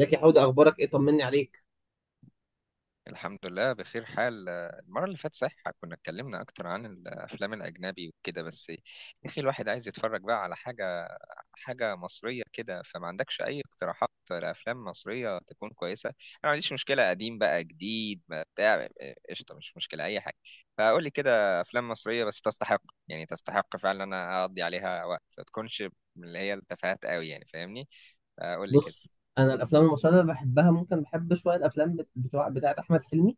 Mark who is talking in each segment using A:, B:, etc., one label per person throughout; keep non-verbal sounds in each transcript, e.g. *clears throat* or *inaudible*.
A: زكي حوده، اخبارك ايه؟ طمني عليك.
B: الحمد لله بخير حال. المرة اللي فاتت صحيح كنا اتكلمنا أكتر عن الأفلام الأجنبي وكده، بس يا أخي الواحد عايز يتفرج بقى على حاجة مصرية كده. فما عندكش أي اقتراحات لأفلام مصرية تكون كويسة؟ أنا ما عنديش مشكلة، قديم بقى جديد ما بتاع، قشطة، مش مشكلة أي حاجة. فقول لي كده أفلام مصرية بس تستحق، يعني تستحق فعلا إن أنا أقضي عليها وقت، ما تكونش من اللي هي التفاهات قوي، يعني فاهمني. فقول لي كده.
A: بص، انا الافلام المصريه اللي بحبها، ممكن بحب شويه الافلام بتوع بتاعه احمد حلمي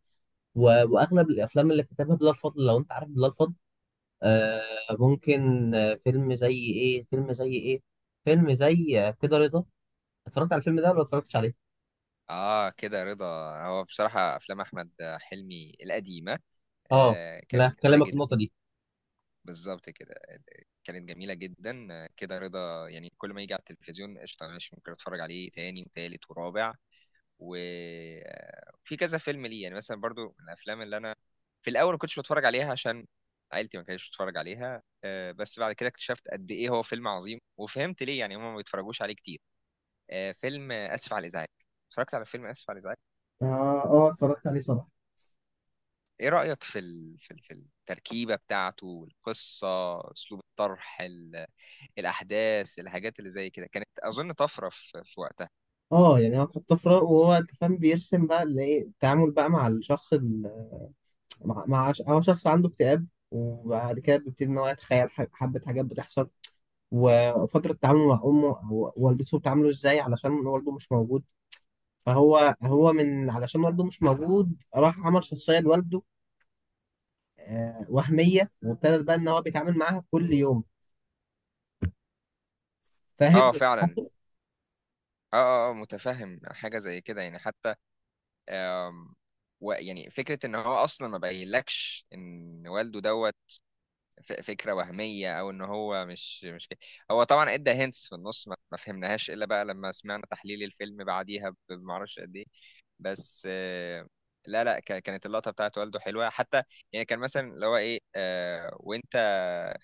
A: و... واغلب الافلام اللي كتبها بلال فضل، لو انت عارف بلال فضل. آه ممكن. فيلم زي ايه؟ فيلم زي كده رضا. اتفرجت على الفيلم ده ولا اتفرجتش عليه؟
B: آه، كده رضا. هو بصراحة أفلام أحمد حلمي القديمة
A: اه،
B: كانت
A: لا
B: جميلة
A: هكلمك في
B: جدا.
A: النقطه دي.
B: بالظبط كده. كانت جميلة جدا. كده رضا يعني كل ما يجي على التلفزيون قشطة، ماشي، ممكن اتفرج عليه تاني وتالت ورابع. وفي كذا فيلم ليه يعني، مثلا برضو من الافلام اللي انا في الاول ما كنتش بتفرج عليها عشان عيلتي ما كانتش بتتفرج عليها بس بعد كده اكتشفت قد ايه هو فيلم عظيم، وفهمت ليه يعني هم ما بيتفرجوش عليه كتير. آه، فيلم آه، اسف على الازعاج. اتفرجت على فيلم اسف على الازعاج.
A: اه، اه، اتفرجت عليه طبعا.
B: ايه رأيك في التركيبة بتاعته، القصة، اسلوب الطرح، الاحداث، الحاجات اللي زي كده كانت اظن طفرة في وقتها.
A: اه، يعني هو كان طفره، وهو أنت فاهم بيرسم بقى اللي ايه التعامل بقى مع الشخص. مع هو شخص عنده اكتئاب، وبعد كده بيبتدي ان هو يتخيل حبة حاجات بتحصل. وفترة تعامله مع أمه أو والدته بتعامله ازاي علشان والده مش موجود. فهو علشان والده مش موجود راح عمل شخصية لوالده، وهمية، وابتدى بقى ان هو بيتعامل معاها كل يوم. فاهم؟
B: اه فعلا. متفهم حاجة زي كده يعني، حتى آم... يعني فكرة ان هو اصلا ما بينلكش ان والده دوت، فكرة وهمية او ان هو مش كده. هو طبعا ادى هنتس في النص ما فهمناهاش الا بقى لما سمعنا تحليل الفيلم بعديها بمعرفش قد ايه، بس لا لا ك- كانت اللقطة بتاعت والده حلوة حتى. يعني كان مثلا اللي هو ايه، وانت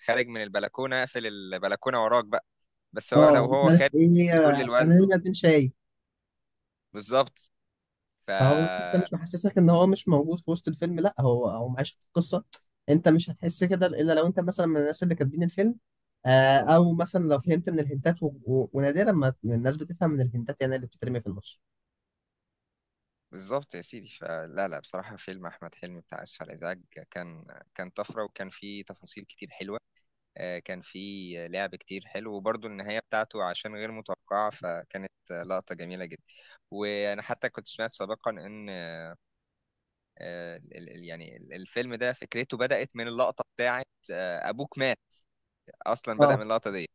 B: خارج من البلكونة اقفل البلكونة وراك بقى، بس هو لو
A: اه، مش
B: هو
A: عارف
B: خارج
A: ايه.
B: بيقول
A: انا
B: لوالده.
A: هنا 2 شاي.
B: بالظبط. ف
A: فهو انت مش محسسك ان هو مش موجود في وسط الفيلم؟ لا، هو معيش في القصه. انت مش هتحس كده الا لو انت مثلا من الناس اللي كاتبين الفيلم، او مثلا لو فهمت من الهنتات ونادرا ما الناس بتفهم من الهنتات، يعني اللي بتترمي في النص.
B: بالظبط يا سيدي. فلا لا بصراحة فيلم أحمد حلمي بتاع آسف على الإزعاج كان، كان طفرة وكان فيه تفاصيل كتير حلوة. آه، كان في لعب كتير حلو، وبرضه النهاية بتاعته عشان غير متوقعة فكانت لقطة جميلة جدا. وأنا حتى كنت سمعت سابقا إن الفيلم ده فكرته بدأت من اللقطة بتاعت أبوك مات، أصلا بدأ من
A: اه.
B: اللقطة دي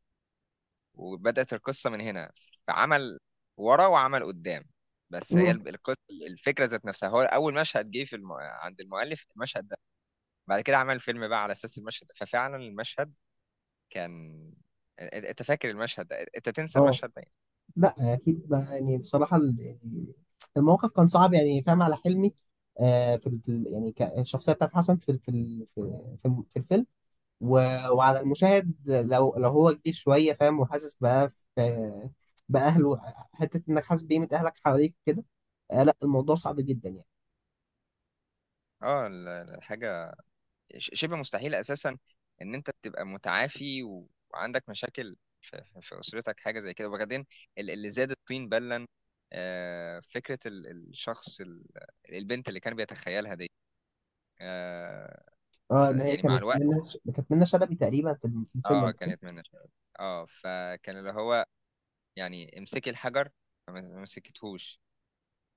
B: وبدأت القصة من هنا، فعمل ورا وعمل قدام. بس هي
A: مم.
B: القصة، الفكرة ذات نفسها، هو أول مشهد جه في عند المؤلف المشهد ده، بعد كده عمل فيلم بقى على أساس المشهد ده. ففعلا المشهد كان، انت فاكر المشهد ده، انت تنسى
A: اه،
B: المشهد ده يعني.
A: لا اكيد بقى، يعني الصراحه الموقف كان صعب، يعني فاهم على حلمي. في يعني الشخصيه بتاعت حسن في ال... في ال... في في الفيلم. و- وعلى المشاهد، لو هو كبير شوية فاهم وحاسس بقى بأهله، حتة إنك حاسس بقيمة أهلك حواليك كده. لا، الموضوع صعب جدا يعني.
B: اه الحاجه شبه مستحيل اساسا ان انت تبقى متعافي وعندك مشاكل في اسرتك حاجه زي كده. وبعدين اللي زاد الطين بلا، فكره البنت اللي كان بيتخيلها دي. آه،
A: اه، اللي هي
B: يعني مع الوقت.
A: كانت منة شلبي تقريبا، في الفيلم
B: اه
A: ده، صح؟
B: كانت من. اه فكان اللي هو يعني، امسكي الحجر، فما ما مسكتهوش.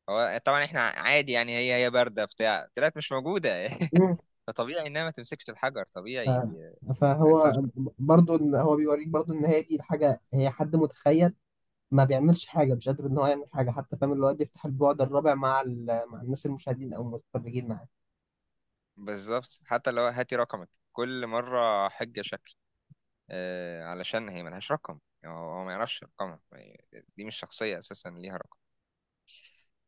B: هو طبعا احنا عادي يعني، هي بارده بتاع، طلعت مش موجوده.
A: مم.
B: *laughs* فطبيعي انها ما تمسكش الحجر
A: ف-
B: طبيعي، ما يحصلش.
A: فهو برضو إن هو بيوريك، برضو إن هي دي الحاجة، هي حد متخيل، ما بيعملش حاجة، مش قادر إن هو يعمل حاجة، حتى فاهم اللي هو بيفتح البعد الرابع مع الناس المشاهدين أو المتفرجين معاه.
B: بالظبط، حتى لو هاتي رقمك كل مره حجه شكل، علشان هي ملهاش رقم، هو ما يعرفش رقمها، دي مش شخصيه اساسا ليها رقم.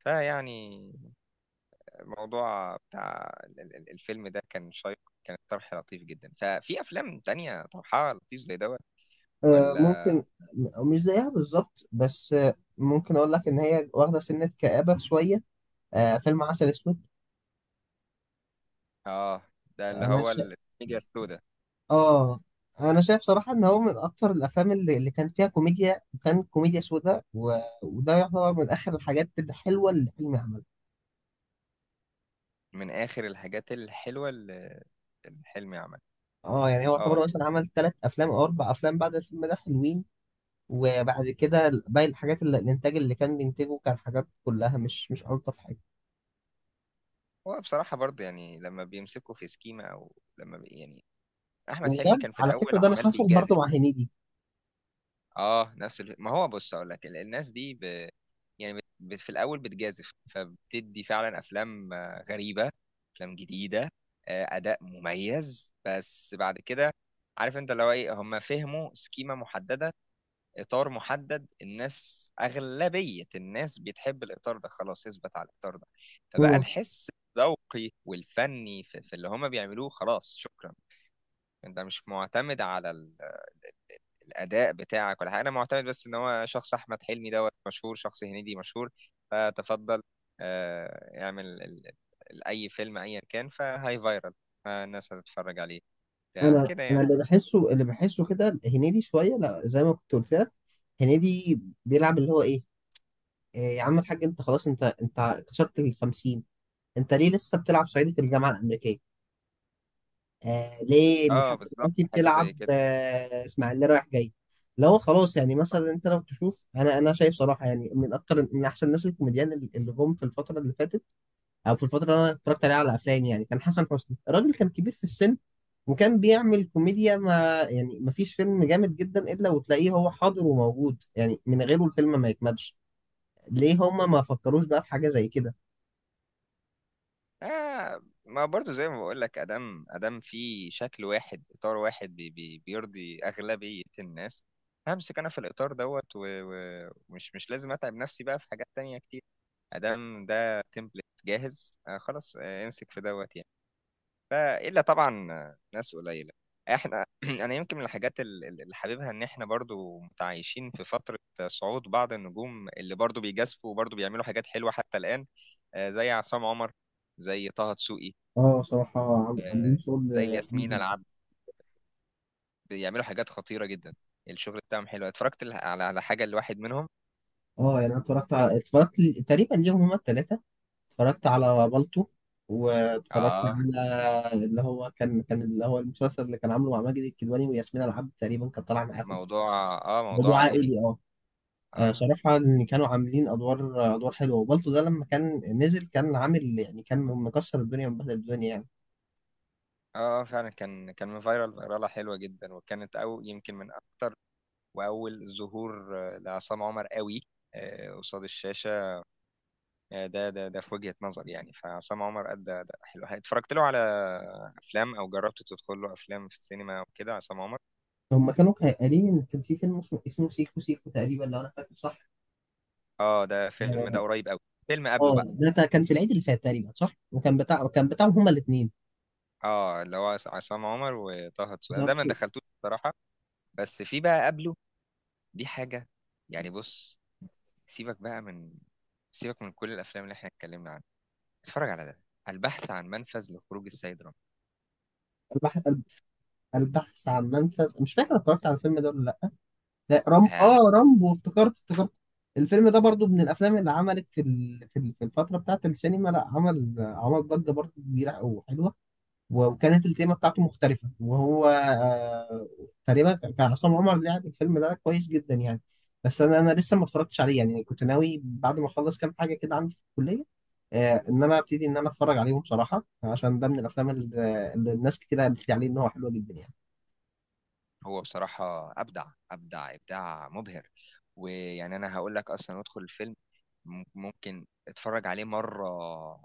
B: فيعني الموضوع بتاع الفيلم ده كان شيق، كان طرح لطيف جدا. ففي افلام تانية طرحها لطيف زي دوت ولا؟
A: ممكن. مش زيها بالظبط، بس ممكن اقول لك ان هي واخده سنه كآبه شويه. فيلم عسل اسود.
B: اه ده اللي
A: انا
B: هو
A: شا...
B: الميديا السوداء،
A: اه انا شايف صراحه ان هو من اكتر الافلام اللي كان فيها كوميديا، وكان كوميديا سودا، وده يعتبر من اخر الحاجات الحلوه اللي حلمي عملها.
B: من آخر الحاجات الحلوة اللي حلمي عملها.
A: اه، يعني هو
B: اه.
A: يعتبر مثلا عمل 3 افلام او 4 افلام بعد الفيلم ده حلوين. وبعد كده باقي الحاجات اللي الانتاج اللي كان بينتجه كان حاجات كلها مش الطف حاجه.
B: هو بصراحة برضو يعني لما بيمسكوا في سكيمة، أو لما بي يعني، أحمد
A: وده
B: حلمي كان في
A: على
B: الأول
A: فكره ده اللي
B: عمال
A: حصل برضه
B: بيجازف.
A: مع هنيدي.
B: اه نفس ما هو، بص أقول لك، الناس دي يعني في الأول بتجازف، فبتدي فعلا أفلام غريبة، أفلام جديدة، أداء مميز، بس بعد كده، عارف أنت، لو إيه هم فهموا سكيمة محددة، اطار محدد، الناس اغلبيه الناس بتحب الاطار ده خلاص، يثبت على الاطار ده. فبقى الحس الذوقي والفني في اللي هما بيعملوه خلاص، شكرا. انت مش معتمد على الاداء بتاعك ولا حاجه. انا معتمد بس ان هو شخص احمد حلمي دوت مشهور، شخص هنيدي مشهور، فتفضل اعمل اي فيلم ايا كان فهاي فايرال، فالناس هتتفرج عليه، بتاع
A: انا
B: كده
A: انا
B: يعني.
A: اللي بحسه كده هنيدي شويه، لا زي ما كنت قلت لك. هنيدي بيلعب اللي هو ايه؟ إيه يا عم الحاج، انت خلاص، انت كسرت ال 50. انت ليه لسه بتلعب صعيدي في الجامعه الامريكيه؟ ليه
B: اه
A: لحد
B: بالظبط
A: دلوقتي
B: حاجه زي
A: بتلعب
B: كده.
A: اسماعيليه رايح جاي؟ اللي هو خلاص، يعني مثلا انت لو تشوف، انا شايف صراحه، يعني من احسن الناس الكوميديان اللي جم في الفتره اللي فاتت، او في الفتره اللي انا اتفرجت عليها على افلام، يعني كان حسن حسني، الراجل كان كبير في السن وكان بيعمل كوميديا، ما يعني ما فيش فيلم جامد جدا الا وتلاقيه هو حاضر وموجود، يعني من غيره الفيلم ما يكملش. ليه هما ما فكروش بقى في حاجه زي كده؟
B: آه ما برضو زي ما بقول لك، ادام في شكل واحد، اطار واحد، بي بيرضي اغلبيه الناس، همسك انا في الاطار دوت ومش مش لازم اتعب نفسي بقى في حاجات تانية كتير. ادام ده تمبلت جاهز، آه خلاص آه، امسك في دوت يعني. لا الا طبعا ناس قليله. احنا *clears throat* انا يمكن من الحاجات اللي حاببها ان احنا برضو متعايشين في فتره صعود بعض النجوم اللي برضو بيجازفوا وبرضو بيعملوا حاجات حلوه حتى الان، زي عصام عمر، زي طه دسوقي،
A: اه، صراحة عاملين
B: آه،
A: شغل
B: زي
A: جميل
B: ياسمين
A: جدا.
B: العبد، بيعملوا حاجات خطيره جدا. الشغل بتاعهم حلو، اتفرجت على على حاجه لواحد منهم.
A: اه، يعني انا اتفرجت على اتفرجت ل- تقريبا ليهم هما التلاتة. اتفرجت على بالطو، واتفرجت
B: اه
A: على اللي هو المسلسل اللي كان عامله مع ماجد الكدواني وياسمين العبد، تقريبا كان طالع معاهم،
B: موضوع. اه موضوع
A: موضوع
B: عائلي.
A: عائلي. اه،
B: اه.
A: صراحة إن كانوا عاملين أدوار حلوة، وبالتو ده لما كان نزل كان عامل، يعني كان مكسر الدنيا ومبهدل الدنيا يعني.
B: اه فعلا، كان كان فايرال، فيراله حلوه جدا، وكانت او يمكن من اكتر، واول ظهور لعصام عمر قوي قصاد الشاشه ده في وجهه نظري يعني. فعصام عمر ادى اداء حلو، اتفرجت له على افلام او جربت تدخل له افلام في السينما وكده عصام عمر.
A: هما كانوا قايلين إن كان في فيلم اسمه سيكو سيكو تقريبا، لو أنا فاكر صح.
B: اه ده فيلم، ده
A: اه،
B: قريب قوي، فيلم قبله بقى.
A: ده كان في العيد اللي فات تقريبا، صح؟ وكان بتاع، كان بتاعهم هما الاثنين.
B: اه اللي هو عصام عمر وطه دسوقي، انا ده ما
A: البحث
B: دخلتوش بصراحه. بس في بقى قبله دي حاجه، يعني بص، سيبك بقى من، سيبك من كل الافلام اللي احنا اتكلمنا عنها، اتفرج على ده، البحث عن منفذ لخروج السيد رامبو.
A: البحث عن منفذ. مش فاكر اتفرجت على الفيلم ده ولا لا. لا، رم
B: لا
A: اه رامبو، افتكرت. الفيلم ده برضو من الافلام اللي عملت في الفتره بتاعت السينما. لا، عمل ضجه برضو كبيره وحلوه، وكانت التيمة بتاعته مختلفة، وهو تقريبا كان عصام عمر لعب الفيلم ده كويس جدا يعني. بس أنا لسه ما اتفرجتش عليه، يعني كنت ناوي بعد ما أخلص كام حاجة كده عندي في الكلية، إن أنا أبتدي إن أنا أتفرج عليهم بصراحة، عشان ده من الأفلام اللي الناس كتير قالت لي عليه إن هو حلو جدا يعني.
B: هو بصراحة أبدع، أبدع إبداع مبهر. ويعني أنا هقول لك، أصلا ادخل الفيلم ممكن اتفرج عليه مرة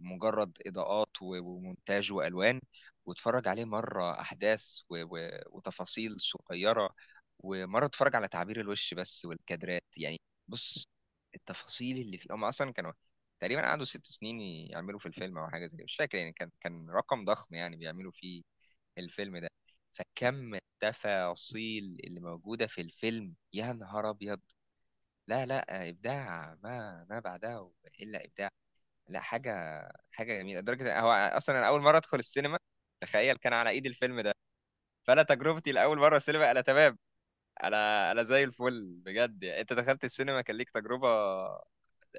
B: مجرد إضاءات ومونتاج وألوان، واتفرج عليه مرة أحداث وتفاصيل صغيرة، ومرة اتفرج على تعبير الوش بس والكادرات يعني. بص، التفاصيل اللي فيه، هم أصلا كانوا تقريبا قعدوا 6 سنين يعملوا في الفيلم أو حاجة زي كده، مش فاكر يعني، كان كان رقم ضخم يعني بيعملوا فيه الفيلم ده. فكم التفاصيل اللي موجودة في الفيلم يا نهار أبيض. لا لا، إبداع ما ما بعدها إلا إبداع. لا حاجة، حاجة جميلة لدرجة هو أصلا أنا أول مرة أدخل السينما، تخيل، كان على إيد الفيلم ده. فأنا تجربتي لأول مرة السينما أنا تمام، أنا أنا زي الفل بجد. يعني أنت دخلت السينما كان ليك تجربة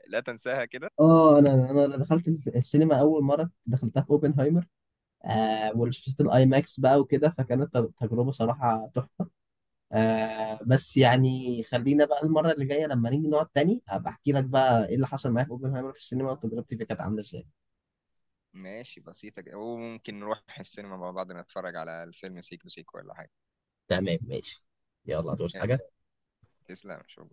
B: لا تنساها كده.
A: اه، انا دخلت السينما اول مره دخلتها في اوبنهايمر، وشفت الاي ماكس بقى وكده، فكانت تجربه صراحه تحفه. بس يعني خلينا بقى المرة اللي جاية لما نيجي نقعد تاني هبقى احكي لك بقى ايه اللي حصل معايا في اوبنهايمر في السينما، وتجربتي فيه كانت عاملة ازاي.
B: ماشي، بسيطة كده، وممكن نروح السينما مع بعض نتفرج على الفيلم سيكو سيكو ولا حاجة.
A: تمام، ماشي. يلا، هتعوز
B: يلا.
A: حاجة؟
B: تسلم. شوف.